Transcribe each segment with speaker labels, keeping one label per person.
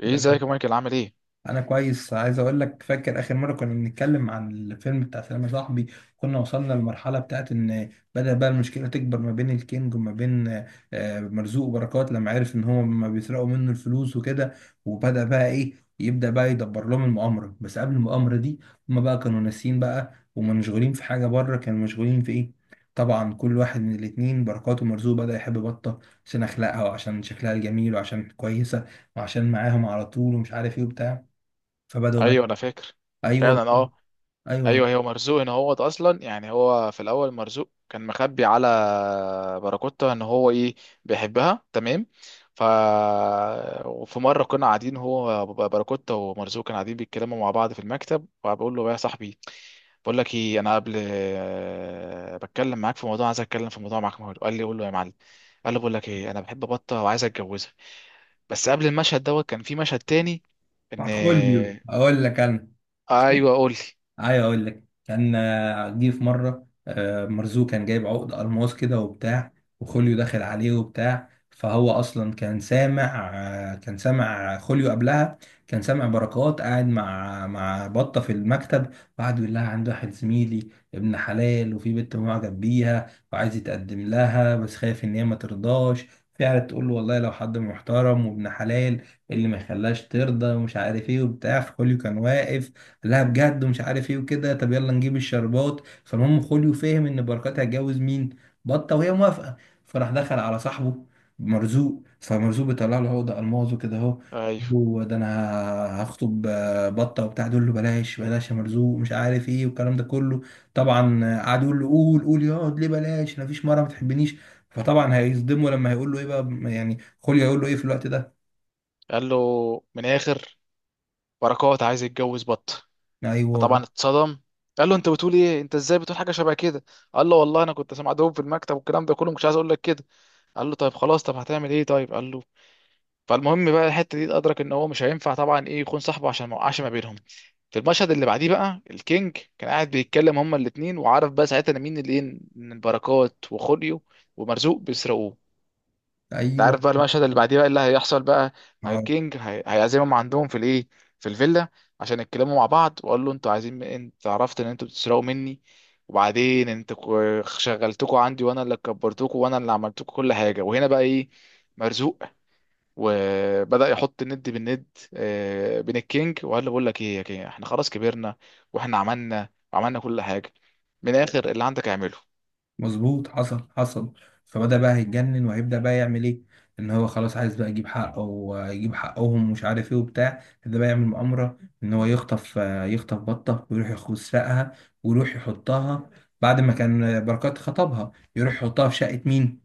Speaker 1: ايه
Speaker 2: ده
Speaker 1: ازيك
Speaker 2: كان
Speaker 1: يا مايكل؟ عامل ايه؟
Speaker 2: انا كويس. عايز اقول لك، فاكر اخر مره كنا بنتكلم عن الفيلم بتاع سلام يا صاحبي. كنا وصلنا للمرحله بتاعت ان بدا بقى المشكله تكبر ما بين الكينج وما بين مرزوق وبركات لما عرف ان هم ما بيسرقوا منه الفلوس وكده. وبدا بقى ايه؟ يبدا بقى يدبر لهم المؤامره. بس قبل المؤامره دي، هم بقى كانوا ناسيين بقى ومنشغولين في حاجه بره. كانوا مشغولين في ايه؟ طبعا كل واحد من الاتنين، بركات ومرزوق، بدأ يحب بطة عشان أخلاقها وعشان شكلها الجميل وعشان كويسة وعشان معاهم على طول ومش عارف ايه وبتاع، فبدأوا بقى.
Speaker 1: ايوه انا فاكر.
Speaker 2: ايوه،
Speaker 1: فعلا. اه.
Speaker 2: ايوه.
Speaker 1: ايوه. هو مرزوق ان هو اصلا يعني هو في الاول مرزوق كان مخبي على باراكوتا ان هو ايه، بيحبها. تمام. ف وفي مره كنا قاعدين، هو باراكوتا ومرزوق كانوا قاعدين بيتكلموا مع بعض في المكتب، وبقول له يا صاحبي بقول لك ايه، انا قبل بتكلم معاك في موضوع، عايز اتكلم في موضوع معاك. قال لي قول له يا معلم. قال له بقول لك ايه، انا بحب بطه وعايز اتجوزها. بس قبل المشهد دوت كان في مشهد تاني. ان
Speaker 2: بتاع خوليو، اقول لك انا سمعت.
Speaker 1: ايوه، قول لي.
Speaker 2: عايز اقول لك، كان جه في مره. مرزوق كان جايب عقد الماس كده وبتاع، وخوليو داخل عليه وبتاع. فهو اصلا كان سامع خوليو قبلها. كان سامع بركات قاعد مع بطه في المكتب، وقعد يقول لها عنده واحد زميلي ابن حلال وفي بنت معجب بيها وعايز يتقدم لها، بس خايف ان هي ما ترضاش. فقعدت تقول له: والله لو حد محترم وابن حلال، إيه اللي ما يخليهاش ترضى، ومش عارف ايه وبتاع. فخوليو كان واقف: لا بجد، ومش عارف ايه وكده، طب يلا نجيب الشربات. فالمهم خوليو فهم ان بركات هتجوز مين؟ بطه، وهي موافقه. فراح دخل على صاحبه مرزوق. فمرزوق بيطلع له: هو ده الماظه كده اهو،
Speaker 1: ايوه.
Speaker 2: هو ده انا هخطب بطه وبتاع. يقول له: بلاش بلاش يا مرزوق، مش عارف ايه والكلام ده كله. طبعا قعد يقول له قول قول، يقعد ليه بلاش، انا فيش مره ما بتحبنيش. فطبعا هيصدمه. لما هيقول له ايه بقى يعني خوليو، هيقول له ايه في الوقت ده؟
Speaker 1: قال له من اخر بركات عايز يتجوز بط.
Speaker 2: ايوه.
Speaker 1: فطبعا اتصدم. قال له انت بتقول ايه، انت ازاي بتقول حاجه شبه كده؟ قال له والله انا كنت سامع دوب في المكتب، والكلام ده كله مش عايز اقول لك كده. قال له طيب خلاص، طب هتعمل ايه؟ طيب قال له. فالمهم بقى الحته دي ادرك ان هو مش هينفع طبعا ايه، يكون صاحبه، عشان ما يوقعش ما بينهم. في المشهد اللي بعديه بقى، الكينج كان قاعد بيتكلم هما الاتنين، وعارف بقى ساعتها إن مين اللي ايه، ان البركات وخوليو ومرزوق بيسرقوه. انت
Speaker 2: ايوه
Speaker 1: عارف بقى المشهد اللي بعديه بقى اللي هيحصل بقى، هي كينج هي هيعزمهم عندهم في الايه، في الفيلا، عشان يتكلموا مع بعض. واقول له انتوا عايزين، انت عرفت ان انتوا بتسرقوا مني، وبعدين انتوا شغلتكوا عندي، وانا اللي كبرتكوا وانا اللي عملتكوا كل حاجه. وهنا بقى ايه، مرزوق وبدأ يحط الند بالند بين الكينج، وقال له بقول لك ايه يا كينج، احنا خلاص كبرنا واحنا عملنا وعملنا كل حاجه. من الاخر اللي عندك اعمله.
Speaker 2: مظبوط، حصل حصل. فبدأ بقى هيتجنن، وهيبدأ بقى يعمل ايه؟ ان هو خلاص عايز بقى يجيب حقه ويجيب حقهم ومش عارف ايه وبتاع. ده بقى يعمل مؤامرة ان هو يخطف بطة ويروح يسرقها، ويروح يحطها، بعد ما كان بركات خطبها، يروح يحطها في شقة مين؟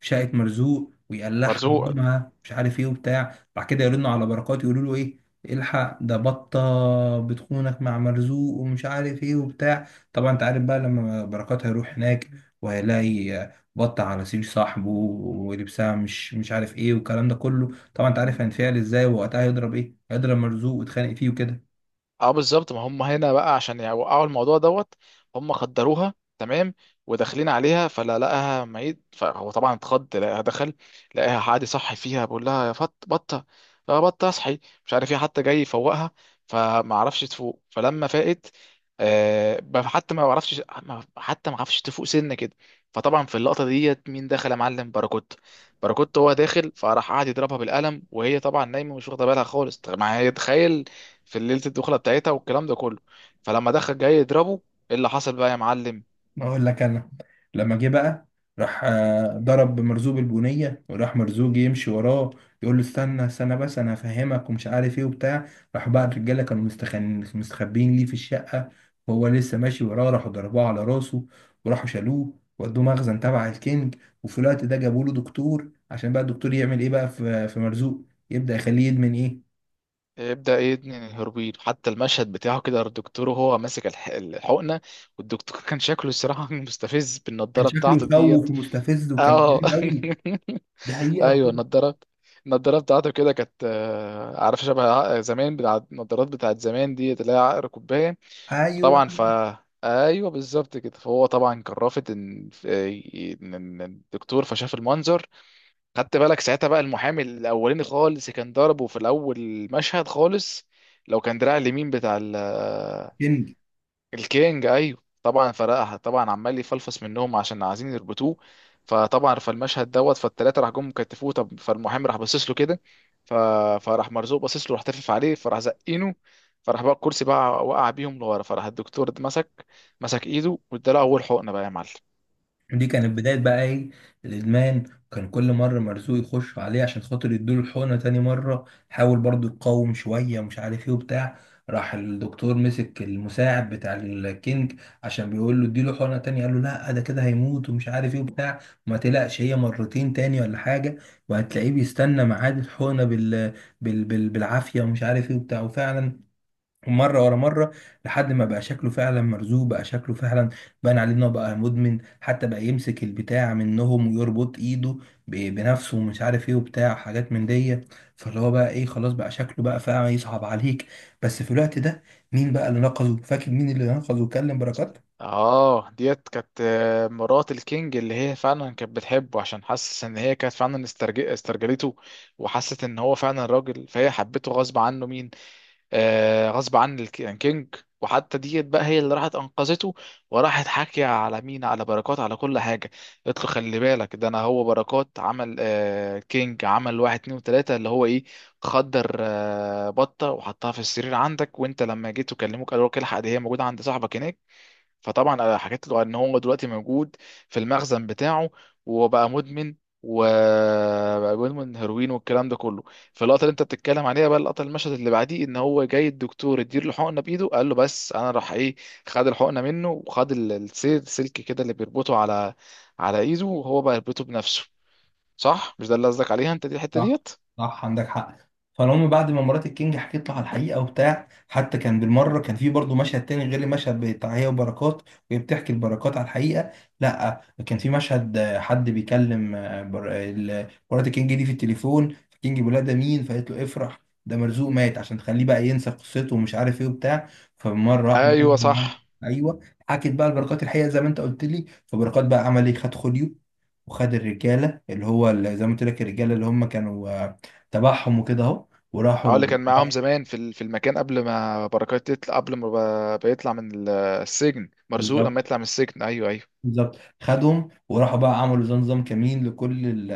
Speaker 2: في شقة مرزوق. ويقلعها
Speaker 1: مرزوق.
Speaker 2: يضمها مش عارف ايه وبتاع. بعد كده يرنوا على بركات يقولوا له ايه؟ الحق ده بطة بتخونك مع مرزوق، ومش عارف ايه وبتاع. طبعا انت عارف بقى لما بركات هيروح هناك، وهيلاقي بط على سرير صاحبه ولبسها مش عارف ايه والكلام ده كله، طبعا انت عارف هينفعل ازاي. ووقتها هيضرب ايه؟ هيضرب مرزوق ويتخانق فيه وكده.
Speaker 1: اه بالظبط، ما هم هنا بقى عشان يوقعوا الموضوع دوت. هم خدروها. تمام. وداخلين عليها فلا لقاها ميت، فهو طبعا اتخض لقاها. دخل لقاها، حد صحي فيها بيقول لها يا فط بطه، يا بطه اصحي، مش عارف ايه، حتى جاي يفوقها فما عرفش تفوق. فلما فاقت، حتى ما عرفش حتى ما عرفش تفوق سنه كده. فطبعا في اللقطه ديت مين دخل يا معلم؟ باراكوت. باراكوت هو داخل، فراح قعد يضربها بالقلم، وهي طبعا نايمه مش واخده بالها خالص. طب ما هي تخيل في ليله الدخله بتاعتها والكلام ده كله. فلما دخل جاي يضربه، ايه اللي حصل بقى يا معلم؟
Speaker 2: اقول لك انا، لما جه بقى، راح ضرب مرزوق البنيه. وراح مرزوق يمشي وراه يقول له: استنى استنى، بس انا هفهمك، ومش عارف ايه وبتاع. راح بقى الرجاله، كانوا مستخبين ليه في الشقه، وهو لسه ماشي وراه، راحوا ضربوه على راسه، وراحوا شالوه ودوه مخزن تبع الكينج. وفي الوقت ده جابوا له دكتور عشان بقى الدكتور يعمل ايه بقى في مرزوق؟ يبدا يخليه يدمن ايه.
Speaker 1: ابدا ايه ابن الهربين؟ حتى المشهد بتاعه كده، الدكتور وهو ماسك الحقنه، والدكتور كان شكله الصراحه مستفز
Speaker 2: كان
Speaker 1: بالنضاره
Speaker 2: شكله
Speaker 1: بتاعته ديت.
Speaker 2: يخوف ومستفز وكان كبير
Speaker 1: اه
Speaker 2: قوي. ده حقيقه
Speaker 1: ايوه
Speaker 2: بجد.
Speaker 1: النضاره، النضاره بتاعته كده كانت عارف شبه زمان بتاع النضارات بتاعت زمان ديت، اللي هي عقر كوبايه.
Speaker 2: ايوه
Speaker 1: فطبعا ف، ايوه بالظبط كده. فهو طبعا كان رافض ان إن الدكتور، فشاف المنظر. خدت بالك ساعتها بقى المحامي الاولاني خالص كان ضربه في الاول المشهد خالص، لو كان دراع اليمين بتاع
Speaker 2: كينج.
Speaker 1: الكينج. ايوه طبعا فرقها، طبعا عمال يفلفص منهم عشان عايزين يربطوه. فطبعا فالمشهد دوت، فالتلاته راح جم كتفوه. طب فالمحامي راح باصص له كده، ف، فراح مرزوق باصص له، راح تفف عليه، فراح زقينه. فراح بقى الكرسي بقى وقع بيهم لورا، فراح الدكتور ده مسك، مسك ايده واداله اول حقنه بقى يا معلم.
Speaker 2: دي كانت بداية بقى ايه؟ الإدمان. كان كل مرة مرزوق يخش عليه عشان خاطر يدوله الحقنة. تاني مرة حاول برضو يقاوم شوية، ومش عارف ايه وبتاع. راح الدكتور مسك المساعد بتاع الكينج، عشان بيقول له اديله حقنة تانية. قال له: لا ده كده هيموت، ومش عارف ايه وبتاع. ما تقلقش، هي مرتين تاني ولا حاجة. وهتلاقيه بيستنى ميعاد الحقنة بالعافية، ومش عارف ايه وبتاع. وفعلا مرة ورا مرة، لحد ما بقى شكله فعلا. مرزوق بقى شكله فعلا بان عليه انه بقى مدمن. حتى بقى يمسك البتاع منهم ويربط ايده بنفسه، ومش عارف ايه وبتاع، حاجات من دي. فاللي هو بقى ايه، خلاص بقى شكله بقى فعلا يصعب عليك. بس في الوقت ده مين بقى اللي نقذه؟ فاكر مين اللي نقذه وكلم بركات؟
Speaker 1: اه ديت كانت مرات الكينج، اللي هي فعلا كانت بتحبه عشان حاسس ان هي كانت فعلا استرجلته، وحست ان هو فعلا راجل، فهي حبته غصب عنه مين، غصب عن الكينج. وحتى ديت بقى هي اللي راحت انقذته، وراحت حاكيه على مين، على بركات، على كل حاجه. قلت له خلي بالك ده، انا هو بركات عمل كينج عمل واحد اتنين وتلاته، اللي هو ايه، خدر بطه وحطها في السرير عندك، وانت لما جيت وكلموك قالوا لك الحق دي هي موجوده عند صاحبك هناك. فطبعا انا حكيت له ان هو دلوقتي موجود في المخزن بتاعه، وهو بقى مدمن، وبقى مدمن هيروين والكلام ده كله. فاللقطه اللي انت بتتكلم عليها بقى، اللقطه المشهد اللي بعديه، ان هو جاي الدكتور يدير له حقنه بايده، قال له بس انا راح ايه، خد الحقنه منه، وخد السير سلك كده اللي بيربطه على على ايده، وهو بقى يربطه بنفسه. صح؟ مش ده اللي قصدك عليها انت، دي الحته
Speaker 2: صح.
Speaker 1: ديت؟
Speaker 2: صح، عندك حق. فالمهم بعد ما مرات الكينج حكيت له على الحقيقه وبتاع. حتى كان بالمره كان في برضه مشهد تاني غير المشهد بتاع هي وبركات وهي بتحكي البركات على الحقيقه. لا، كان في مشهد حد بيكلم مرات الكينج دي في التليفون. الكينج بيقول لها: ده مين؟ فقالت له: افرح، ده مرزوق مات، عشان تخليه بقى ينسى قصته، ومش عارف ايه وبتاع. فمره واحده
Speaker 1: ايوه
Speaker 2: بقى.
Speaker 1: صح.
Speaker 2: ايوه، حكت بقى البركات الحقيقه زي ما انت قلت لي. فبركات بقى عمل ايه؟ خد خوليو وخد الرجاله اللي هو، اللي زي ما قلت لك، الرجاله اللي هم كانوا تبعهم وكده اهو،
Speaker 1: اه
Speaker 2: وراحوا.
Speaker 1: اللي كان معاهم زمان في في المكان قبل ما بركات يطلع، قبل ما بيطلع من السجن، مرزوق لما
Speaker 2: بالظبط.
Speaker 1: يطلع من السجن. ايوه ايوه.
Speaker 2: بالظبط. خدهم وراحوا بقى، عملوا زي نظام كمين لكل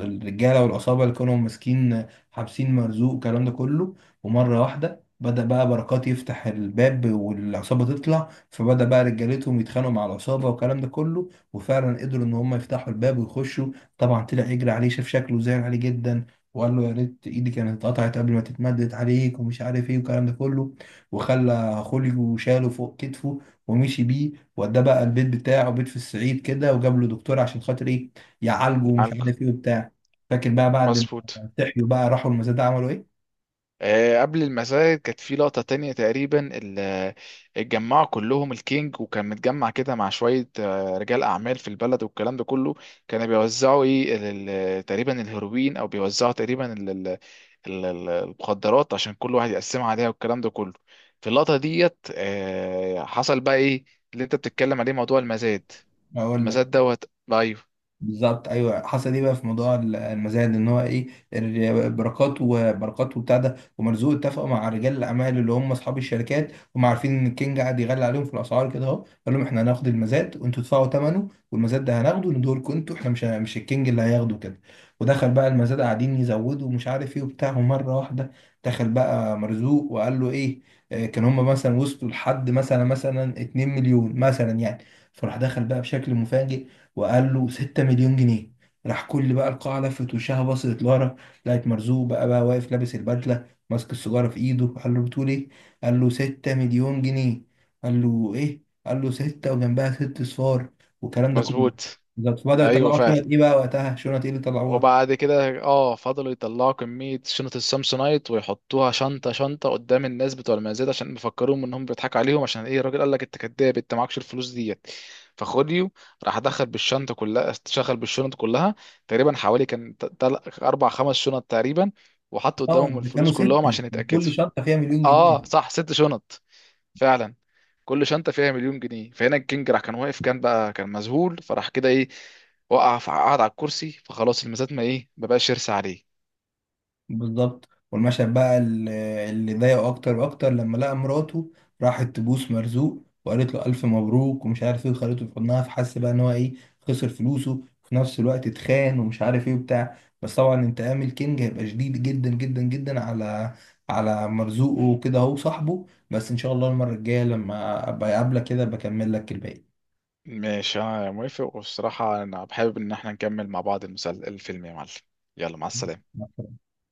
Speaker 2: الرجاله والعصابه اللي كانوا ماسكين حابسين مرزوق، والكلام ده كله. ومره واحده بدأ بقى بركات يفتح الباب والعصابه تطلع، فبدأ بقى رجالتهم يتخانقوا مع العصابه والكلام ده كله. وفعلا قدروا ان هم يفتحوا الباب ويخشوا. طبعا طلع يجري عليه، شاف شكله زعل عليه جدا، وقال له: يا ريت ايدي كانت اتقطعت قبل ما تتمدد عليك، ومش عارف ايه والكلام ده كله. وخلى خوليو وشاله فوق كتفه، ومشي بيه، وده بقى البيت بتاعه، بيت في الصعيد كده، وجاب له دكتور عشان خاطر ايه؟ يعالجه، ومش
Speaker 1: عالكو.
Speaker 2: عارف ايه وبتاع. فاكر بقى بعد ما
Speaker 1: مظبوط.
Speaker 2: صحيوا بقى، راحوا المزاد عملوا ايه؟
Speaker 1: قبل المساجد كانت في لقطة تانية، تقريبا اتجمعوا كلهم الكينج، وكان متجمع كده مع شوية رجال أعمال في البلد والكلام ده كله. كانوا بيوزعوا إيه تقريبا الهيروين، أو بيوزعوا تقريبا المخدرات، عشان كل واحد يقسمها عليها والكلام ده كله. في اللقطة ديت حصل بقى إيه اللي أنت بتتكلم عليه، موضوع المزاد،
Speaker 2: اقول لك.
Speaker 1: المزاد دوت. أيوه.
Speaker 2: بالظبط، ايوه، حصل ايه بقى في موضوع المزاد، ان هو ايه؟ بركات وبتاع ده ومرزوق اتفقوا مع رجال الاعمال، اللي هم اصحاب الشركات. هم عارفين ان الكينج قاعد يغلي عليهم في الاسعار كده اهو. قال لهم: احنا هناخد المزاد وانتوا تدفعوا ثمنه، والمزاد ده هناخده ندور لكم انتوا، احنا مش الكينج اللي هياخده كده. ودخل بقى المزاد، قاعدين يزودوا ومش عارف ايه وبتاع. ومره واحده دخل بقى مرزوق وقال له ايه؟ كان هم مثلا وصلوا لحد مثلا 2 مليون مثلا يعني. فراح دخل بقى بشكل مفاجئ، وقال له 6 مليون جنيه. راح كل بقى القاعة لفت وشها بصت لورا، لقت مرزوق بقى واقف لابس البدلة ماسك السيجارة في ايده. قال له: بتقول ايه؟ قال له: 6 مليون جنيه. قال له: ايه؟ قال له: ستة وجنبها ست صفار، والكلام ده كله.
Speaker 1: مظبوط.
Speaker 2: بالظبط. بدأوا
Speaker 1: أيوه
Speaker 2: يطلعوا
Speaker 1: فعلا.
Speaker 2: شنط ايه بقى وقتها؟ شنط ايه اللي طلعوها؟
Speaker 1: وبعد كده فضلوا يطلعوا كمية شنط السامسونايت، ويحطوها شنطة شنطة قدام الناس بتوع المزاد عشان يفكروهم انهم بيضحكوا عليهم، عشان ايه الراجل قال لك انت كداب، انت معكش الفلوس ديت. فخديو راح دخل بالشنطة كلها، شغل بالشنط كلها تقريبا، حوالي كان اربع خمس شنط تقريبا، وحط
Speaker 2: اه
Speaker 1: قدامهم
Speaker 2: ده كانوا
Speaker 1: الفلوس
Speaker 2: ستة،
Speaker 1: كلهم عشان
Speaker 2: كان
Speaker 1: يتأكدوا.
Speaker 2: كل شنطة فيها مليون
Speaker 1: اه
Speaker 2: جنيه.
Speaker 1: صح ست شنط فعلا، كل شنطه فيها مليون جنيه. فهنا الكينج راح كان واقف، كان بقى كان مذهول، فراح كده ايه، وقع قعد على الكرسي. فخلاص الميزات ما بقاش يرسى عليه.
Speaker 2: بالظبط. والمشهد بقى اللي ضايقه اكتر واكتر لما لقى مراته راحت تبوس مرزوق، وقالت له الف مبروك، ومش عارف ايه، وخدته في حضنها، فحس بقى ان هو ايه؟ خسر فلوسه. في نفس الوقت اتخان، ومش عارف ايه وبتاع. بس طبعا انتقام الكينج هيبقى شديد جدا جدا جدا على مرزوقه وكده، هو صاحبه. بس ان شاء الله المره الجايه لما ابقى اقابلك كده بكمل لك
Speaker 1: ماشي انا موافق، والصراحه انا حابب ان احنا نكمل مع بعض الفيلم يا معلم. يلا مع السلامه.
Speaker 2: الباقي.